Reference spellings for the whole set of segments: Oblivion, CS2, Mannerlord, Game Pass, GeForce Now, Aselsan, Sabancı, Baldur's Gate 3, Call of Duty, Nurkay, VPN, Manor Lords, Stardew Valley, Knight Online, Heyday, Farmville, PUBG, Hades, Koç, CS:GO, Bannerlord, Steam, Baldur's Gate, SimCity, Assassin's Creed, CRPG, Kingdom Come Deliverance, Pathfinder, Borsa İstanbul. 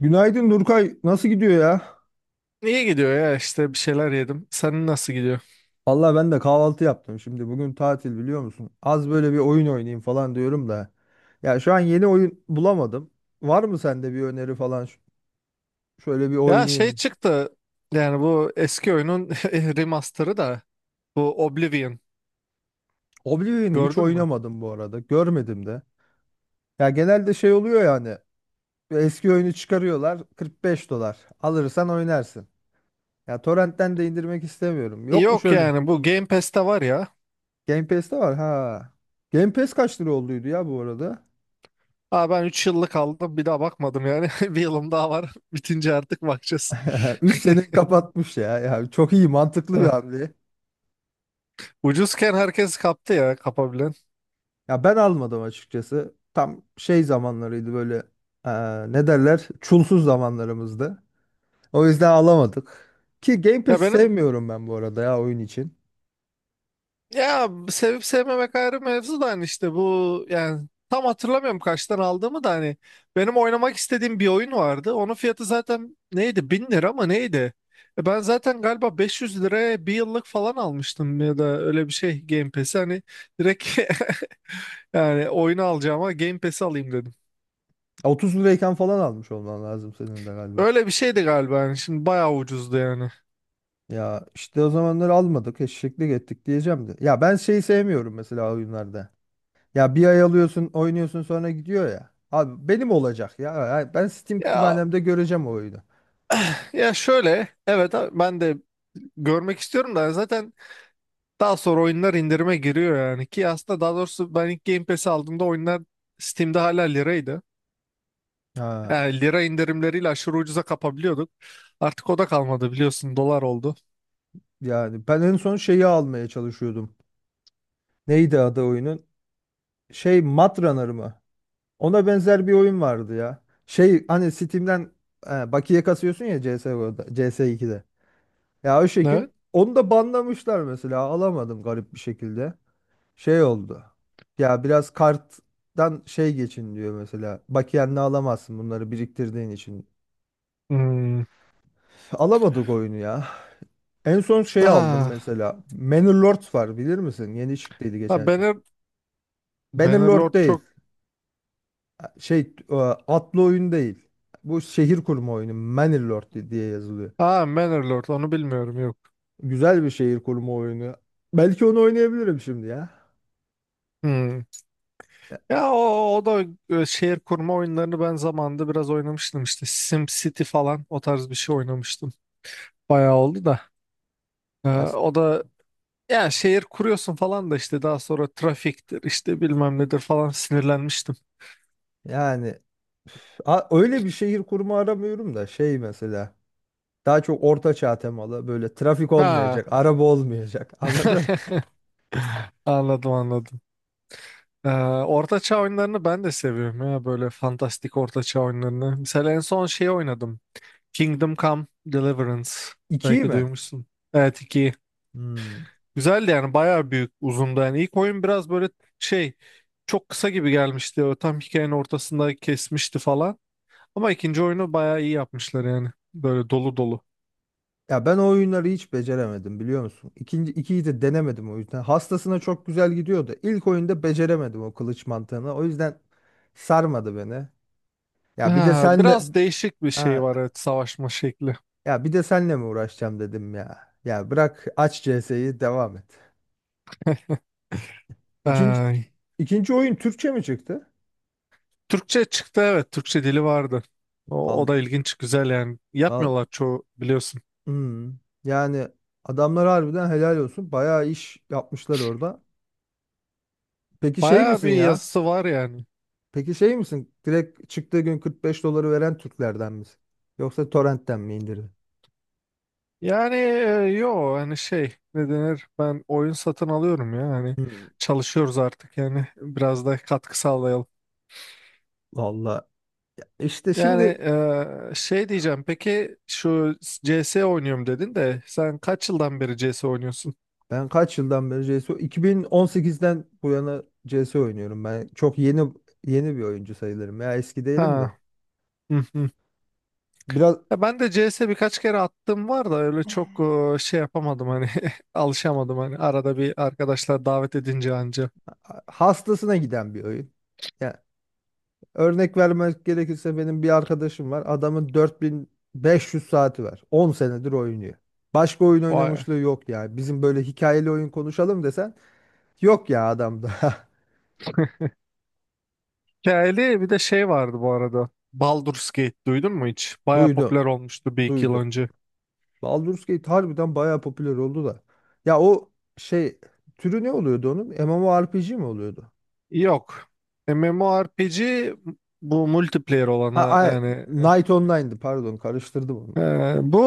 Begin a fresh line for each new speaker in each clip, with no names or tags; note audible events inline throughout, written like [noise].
Günaydın Nurkay. Nasıl gidiyor ya?
İyi gidiyor ya işte bir şeyler yedim. Senin nasıl gidiyor?
Vallahi ben de kahvaltı yaptım şimdi. Bugün tatil biliyor musun? Az böyle bir oyun oynayayım falan diyorum da. Ya şu an yeni oyun bulamadım. Var mı sende bir öneri falan? Şöyle bir
Ya şey
oynayayım.
çıktı yani, bu eski oyunun [laughs] remasterı, da bu Oblivion,
Oblivion'ı hiç
gördün mü?
oynamadım bu arada. Görmedim de. Ya genelde şey oluyor yani. Eski oyunu çıkarıyorlar. 45 dolar. Alırsan oynarsın. Ya torrentten de indirmek istemiyorum. Yok mu
Yok
şöyle?
yani, bu Game Pass'te var ya.
Game Pass'te var ha. Game Pass kaç lira olduydu ya bu arada?
Aa, ben 3 yıllık aldım, bir daha bakmadım yani. [laughs] Bir yılım daha var, [laughs] bitince artık bakacağız.
[laughs] 3
[laughs]
sene kapatmış ya. Ya çok iyi, mantıklı bir
Ah,
hamle.
ucuzken herkes kaptı ya, kapabilen.
Ya ben almadım açıkçası. Tam şey zamanlarıydı böyle, eee, ne derler? Çulsuz zamanlarımızdı. O yüzden alamadık. Ki Game
Ya
Pass'i
benim
sevmiyorum ben bu arada ya, oyun için.
Ya sevip sevmemek ayrı mevzu da, hani işte bu, yani tam hatırlamıyorum kaçtan aldığımı da. Hani benim oynamak istediğim bir oyun vardı. Onun fiyatı zaten neydi? 1000 lira mı neydi? Ben zaten galiba 500 liraya bir yıllık falan almıştım, ya da öyle bir şey Game Pass'i, hani direkt, [laughs] yani oyunu alacağıma Game Pass'i alayım dedim.
30 lirayken falan almış olman lazım senin de galiba.
Öyle bir şeydi galiba yani, şimdi bayağı ucuzdu yani.
Ya işte o zamanları almadık, eşeklik ettik diyeceğim de. Ya ben şeyi sevmiyorum mesela oyunlarda. Ya bir ay alıyorsun, oynuyorsun, sonra gidiyor ya. Abi benim olacak ya. Ya ben Steam
Ya
kütüphanemde göreceğim o oyunu.
[clears throat] [sighs] ya şöyle, evet abi, ben de görmek istiyorum da zaten. Daha sonra oyunlar indirime giriyor yani, ki aslında daha doğrusu ben ilk Game Pass'i aldığımda oyunlar Steam'de hala liraydı.
Ha.
Yani lira indirimleriyle aşırı ucuza kapabiliyorduk. Artık o da kalmadı biliyorsun, dolar oldu.
Yani ben en son şeyi almaya çalışıyordum. Neydi adı oyunun? Şey, Matrunner mı? Ona benzer bir oyun vardı ya. Şey, hani Steam'den bakiye kasıyorsun ya, CS:GO'da, CS2'de. Ya o şekil
Evet.
onu da banlamışlar mesela. Alamadım garip bir şekilde. Şey oldu. Ya biraz karttan şey geçin diyor mesela. Bakiyenle alamazsın bunları, biriktirdiğin için.
Hmm.
Alamadık oyunu ya. En son şey aldım
Ah,
mesela. Manor Lords var, bilir misin? Yeni çıktıydı
ha,
geçen sene. Bannerlord
Bannerlord
değil.
çok...
Şey, atlı oyun değil. Bu şehir kurma oyunu. Mannerlord diye yazılıyor.
Ha, Bannerlord onu bilmiyorum, yok.
Güzel bir şehir kurma oyunu. Belki onu oynayabilirim şimdi ya.
Hmm.
Ya-
Ya o da, şehir kurma oyunlarını ben zamanında biraz oynamıştım işte. SimCity falan, o tarz bir şey oynamıştım. Bayağı oldu da.
ya-
O da, ya şehir kuruyorsun falan da, işte daha sonra trafiktir işte, bilmem nedir falan, sinirlenmiştim.
Yani öyle bir şehir kurma aramıyorum da, şey mesela, daha çok orta çağ temalı, böyle trafik
Ha,
olmayacak, araba olmayacak. [laughs] Anladın?
[laughs] anladım, anladım. Ee, Orta Çağ oyunlarını ben de seviyorum ya, böyle fantastik Orta Çağ oyunlarını. Mesela en son şey oynadım. Kingdom Come Deliverance.
İkiyi
Belki
mi?
duymuşsun. Evet, iki.
Hmm.
Güzeldi yani, bayağı büyük, uzundu. Yani ilk oyun biraz böyle şey, çok kısa gibi gelmişti. O tam hikayenin ortasında kesmişti falan. Ama ikinci oyunu bayağı iyi yapmışlar yani. Böyle dolu dolu.
Ya ben o oyunları hiç beceremedim biliyor musun? İkinci, ikiyi de denemedim o yüzden. Hastasına çok güzel gidiyordu. İlk oyunda beceremedim o kılıç mantığını. O yüzden sarmadı beni. Ya bir de
Ha,
senle
biraz değişik bir şey
ha,
var, evet, savaşma şekli.
ya bir de senle mi uğraşacağım dedim ya. Ya bırak, aç CS'yi, devam et. İkinci
Ee,
ikinci oyun Türkçe mi çıktı?
Türkçe çıktı, evet, Türkçe dili vardı. O
Al,
da ilginç, güzel yani.
al.
Yapmıyorlar çoğu, biliyorsun.
Hmm. Yani adamlar harbiden helal olsun. Bayağı iş yapmışlar orada. Peki şey
Bayağı
misin
bir
ya?
yazısı var yani.
Peki şey misin? Direkt çıktığı gün 45 doları veren Türklerden misin? Yoksa torrentten mi indirdin?
Yani yo, hani şey, ne denir, ben oyun satın alıyorum ya, hani
Hmm,
çalışıyoruz artık yani, biraz da katkı sağlayalım.
valla. Ya İşte
Yani
şimdi
şey diyeceğim, peki şu CS oynuyorum dedin de, sen kaç yıldan beri CS oynuyorsun?
ben kaç yıldan beri CS:GO? 2018'den bu yana CS oynuyorum. Ben çok yeni, yeni bir oyuncu sayılırım. Ya eski değilim de.
Ha. [laughs]
Biraz
Ya ben de CS birkaç kere attığım var da, öyle çok şey yapamadım hani, [laughs] alışamadım, hani arada bir arkadaşlar davet edince anca.
hastasına giden bir oyun. Ya, örnek vermek gerekirse, benim bir arkadaşım var. Adamın 4.500 saati var. 10 senedir oynuyor. Başka oyun
Vay.
oynamışlığı yok ya. Bizim böyle hikayeli oyun konuşalım desen, yok ya adamda. [laughs]
Hikayeli bir de şey vardı bu arada. Baldur's Gate duydun mu hiç? Baya
Duydum.
popüler olmuştu bir iki yıl
Duydum.
önce.
Baldur's Gate harbiden bayağı popüler oldu da. Ya o şey, türü ne oluyordu onun? MMORPG mi oluyordu?
Yok. MMORPG bu multiplayer
Ha
olana
ay,
yani,
Knight Online'dı, pardon, karıştırdım
e,
onları.
bu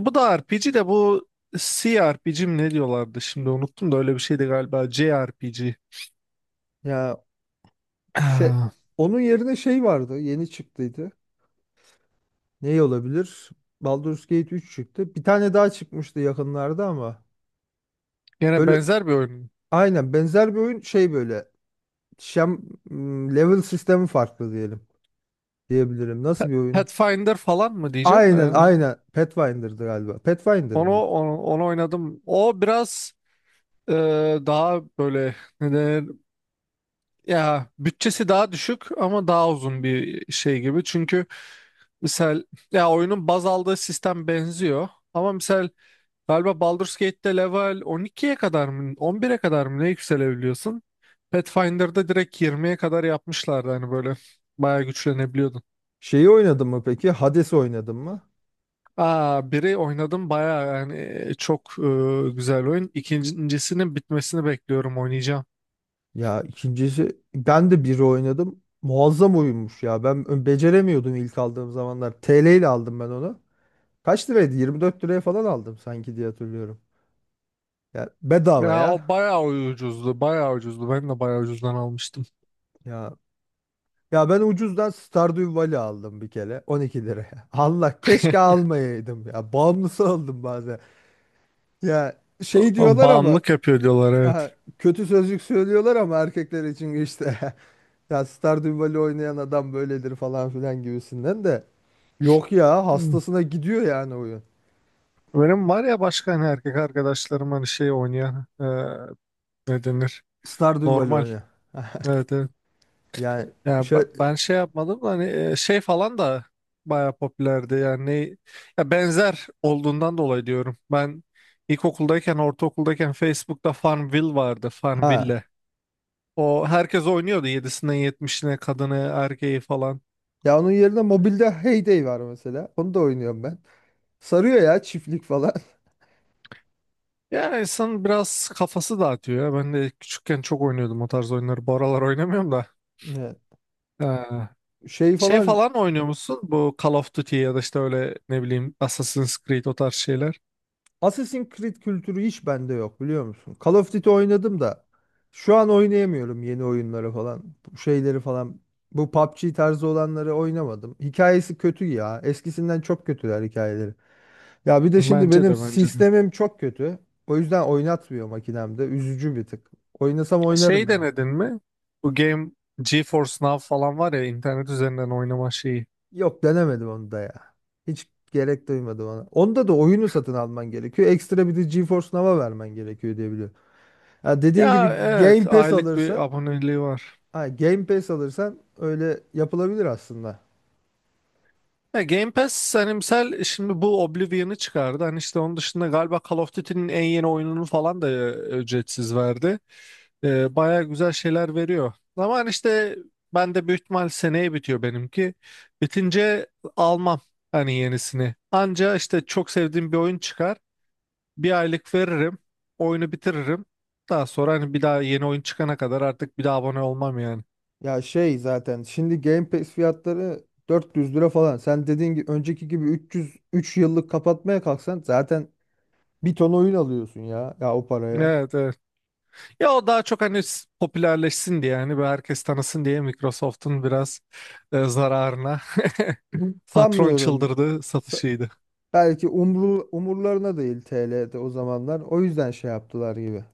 bu da RPG, de bu CRPG mi ne diyorlardı, şimdi unuttum da. Öyle bir şeydi galiba, CRPG.
Ya şey,
[clears throat]
onun yerine şey vardı yeni çıktıydı. Ne olabilir? Baldur's Gate 3 çıktı. Bir tane daha çıkmıştı yakınlarda ama,
Gene
böyle
benzer bir oyun.
aynen benzer bir oyun, şey, böyle şem, level sistemi farklı diyelim, diyebilirim. Nasıl bir oyun?
Pathfinder falan mı diyeceğim de
Aynen,
yani.
aynen. Pathfinder'dı galiba. Pathfinder
Onu,
mıydı?
onu, onu oynadım. O biraz, e, daha böyle, ne denir, ya bütçesi daha düşük ama daha uzun bir şey gibi. Çünkü misal, ya oyunun baz aldığı sistem benziyor. Ama misal, galiba Baldur's Gate'te level 12'ye kadar mı, 11'e kadar mı ne yükselebiliyorsun? Pathfinder'da direkt 20'ye kadar yapmışlardı, hani böyle bayağı güçlenebiliyordun.
Şeyi oynadın mı peki? Hades'i oynadın mı?
Aa, biri oynadım bayağı yani, çok güzel oyun. İkincisinin bitmesini bekliyorum, oynayacağım.
Ya ikincisi, ben de biri oynadım. Muazzam oyunmuş ya. Ben beceremiyordum ilk aldığım zamanlar. TL ile aldım ben onu. Kaç liraydı? 24 liraya falan aldım sanki diye hatırlıyorum. Ya bedava
Ya
ya.
o bayağı ucuzdu, bayağı ucuzdu. Ben de bayağı ucuzdan almıştım.
Ya ya ben ucuzdan Stardew Valley aldım bir kere, 12 liraya. [laughs] Allah, keşke
[laughs]
almayaydım ya. Bağımlısı oldum bazen. Ya şey
Ama
diyorlar ama,
bağımlılık yapıyor diyorlar, evet.
aha, kötü sözcük söylüyorlar ama erkekler için, işte [laughs] ya Stardew Valley oynayan adam böyledir falan filan gibisinden, de yok ya,
Hmm.
hastasına gidiyor yani oyun.
Benim var ya, başka hani erkek arkadaşlarım hani şey oynayan, ne denir?
Stardew Valley
Normal.
oyna. [laughs]
Evet, evet.
Yani
Ya
şey,
ben şey yapmadım da, hani şey falan da baya popülerdi yani, ya benzer olduğundan dolayı diyorum. Ben ilkokuldayken, ortaokuldayken Facebook'ta Farmville vardı,
ha,
Farmville. O herkes oynuyordu, 7'sinden 70'ine, kadını erkeği falan.
ya, onun yerine mobilde Heyday var mesela. Onu da oynuyorum ben. Sarıyor ya, çiftlik falan.
Yani insan biraz kafası dağıtıyor ya. Ben de küçükken çok oynuyordum o tarz oyunları. Bu aralar oynamıyorum da.
[laughs] Evet.
Ha.
Şey
Şey
falan,
falan oynuyor musun? Bu Call of Duty ya da işte öyle, ne bileyim, Assassin's Creed, o tarz şeyler.
Assassin's Creed kültürü hiç bende yok biliyor musun? Call of Duty oynadım da, şu an oynayamıyorum yeni oyunları falan. Bu şeyleri falan. Bu PUBG tarzı olanları oynamadım. Hikayesi kötü ya. Eskisinden çok kötüler hikayeleri. Ya bir de şimdi
Bence
benim
de, bence de.
sistemim çok kötü. O yüzden oynatmıyor makinemde. Üzücü bir tık. Oynasam oynarım
Şey
ya.
denedin mi? Bu game GeForce Now falan var ya, internet üzerinden oynama şeyi.
Yok, denemedim onu da ya. Hiç gerek duymadım ona. Onda da oyunu satın alman gerekiyor. Ekstra bir de GeForce Now'a vermen gerekiyor diye biliyorum. Ya dediğin
Ya
gibi
evet,
Game Pass
aylık bir
alırsan,
aboneliği var.
ha, Game Pass alırsan öyle yapılabilir aslında.
Ya Game Pass, hani misal şimdi bu Oblivion'ı çıkardı. Hani işte onun dışında galiba Call of Duty'nin en yeni oyununu falan da ücretsiz verdi. Baya güzel şeyler veriyor. Ama hani işte, ben de büyük ihtimal seneye bitiyor benimki. Bitince almam hani yenisini. Anca işte çok sevdiğim bir oyun çıkar. Bir aylık veririm. Oyunu bitiririm. Daha sonra hani bir daha yeni oyun çıkana kadar artık bir daha abone olmam yani.
Ya şey, zaten şimdi Game Pass fiyatları 400 lira falan. Sen dediğin gibi önceki gibi 300, 3 yıllık kapatmaya kalksan zaten bir ton oyun alıyorsun ya o paraya.
Evet, evet. Ya o daha çok hani popülerleşsin diye yani, ve herkes tanısın diye Microsoft'un biraz zararına, [clears throat] [laughs] patron
Sanmıyorum.
çıldırdı
Sa-
satışıydı.
Belki umurlarına değil TL'de o zamanlar. O yüzden şey yaptılar gibi.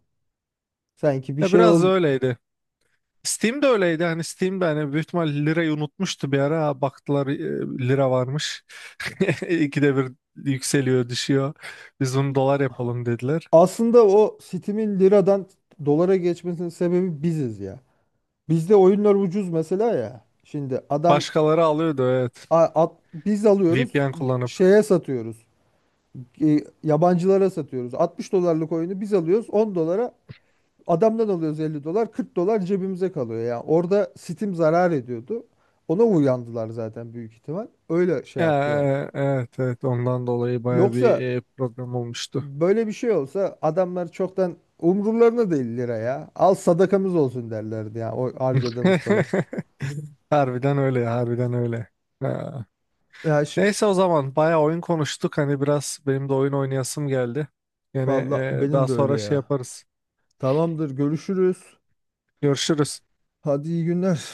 Sanki bir
Ya
şey,
biraz da
ol.
öyleydi. Steam de öyleydi, hani Steam de hani büyük ihtimal lirayı unutmuştu bir ara. Ha, baktılar, lira varmış. [laughs] İkide bir yükseliyor düşüyor. Biz bunu dolar yapalım dediler.
Aslında o Steam'in liradan dolara geçmesinin sebebi biziz ya. Bizde oyunlar ucuz mesela ya. Şimdi adam,
Başkaları alıyordu, evet,
Biz alıyoruz,
VPN kullanıp.
şeye satıyoruz. Yabancılara satıyoruz. 60 dolarlık oyunu biz alıyoruz 10 dolara, adamdan alıyoruz, 50 dolar, 40 dolar cebimize kalıyor. Yani orada Steam zarar ediyordu. Ona uyandılar zaten büyük ihtimal. Öyle şey
Ya,
yaptılar.
evet, evet, ondan dolayı baya bir
Yoksa
problem olmuştu.
böyle bir şey olsa, adamlar çoktan umurlarına değil lira ya. Al, sadakamız olsun derlerdi ya o harcadığımız para.
[laughs] Harbiden öyle ya, harbiden öyle. Ha.
Ya şimdi,
Neyse, o zaman bayağı oyun konuştuk. Hani biraz benim de oyun oynayasım geldi. Yine
valla
daha
benim de öyle
sonra şey
ya.
yaparız.
Tamamdır, görüşürüz.
Görüşürüz.
Hadi, iyi günler.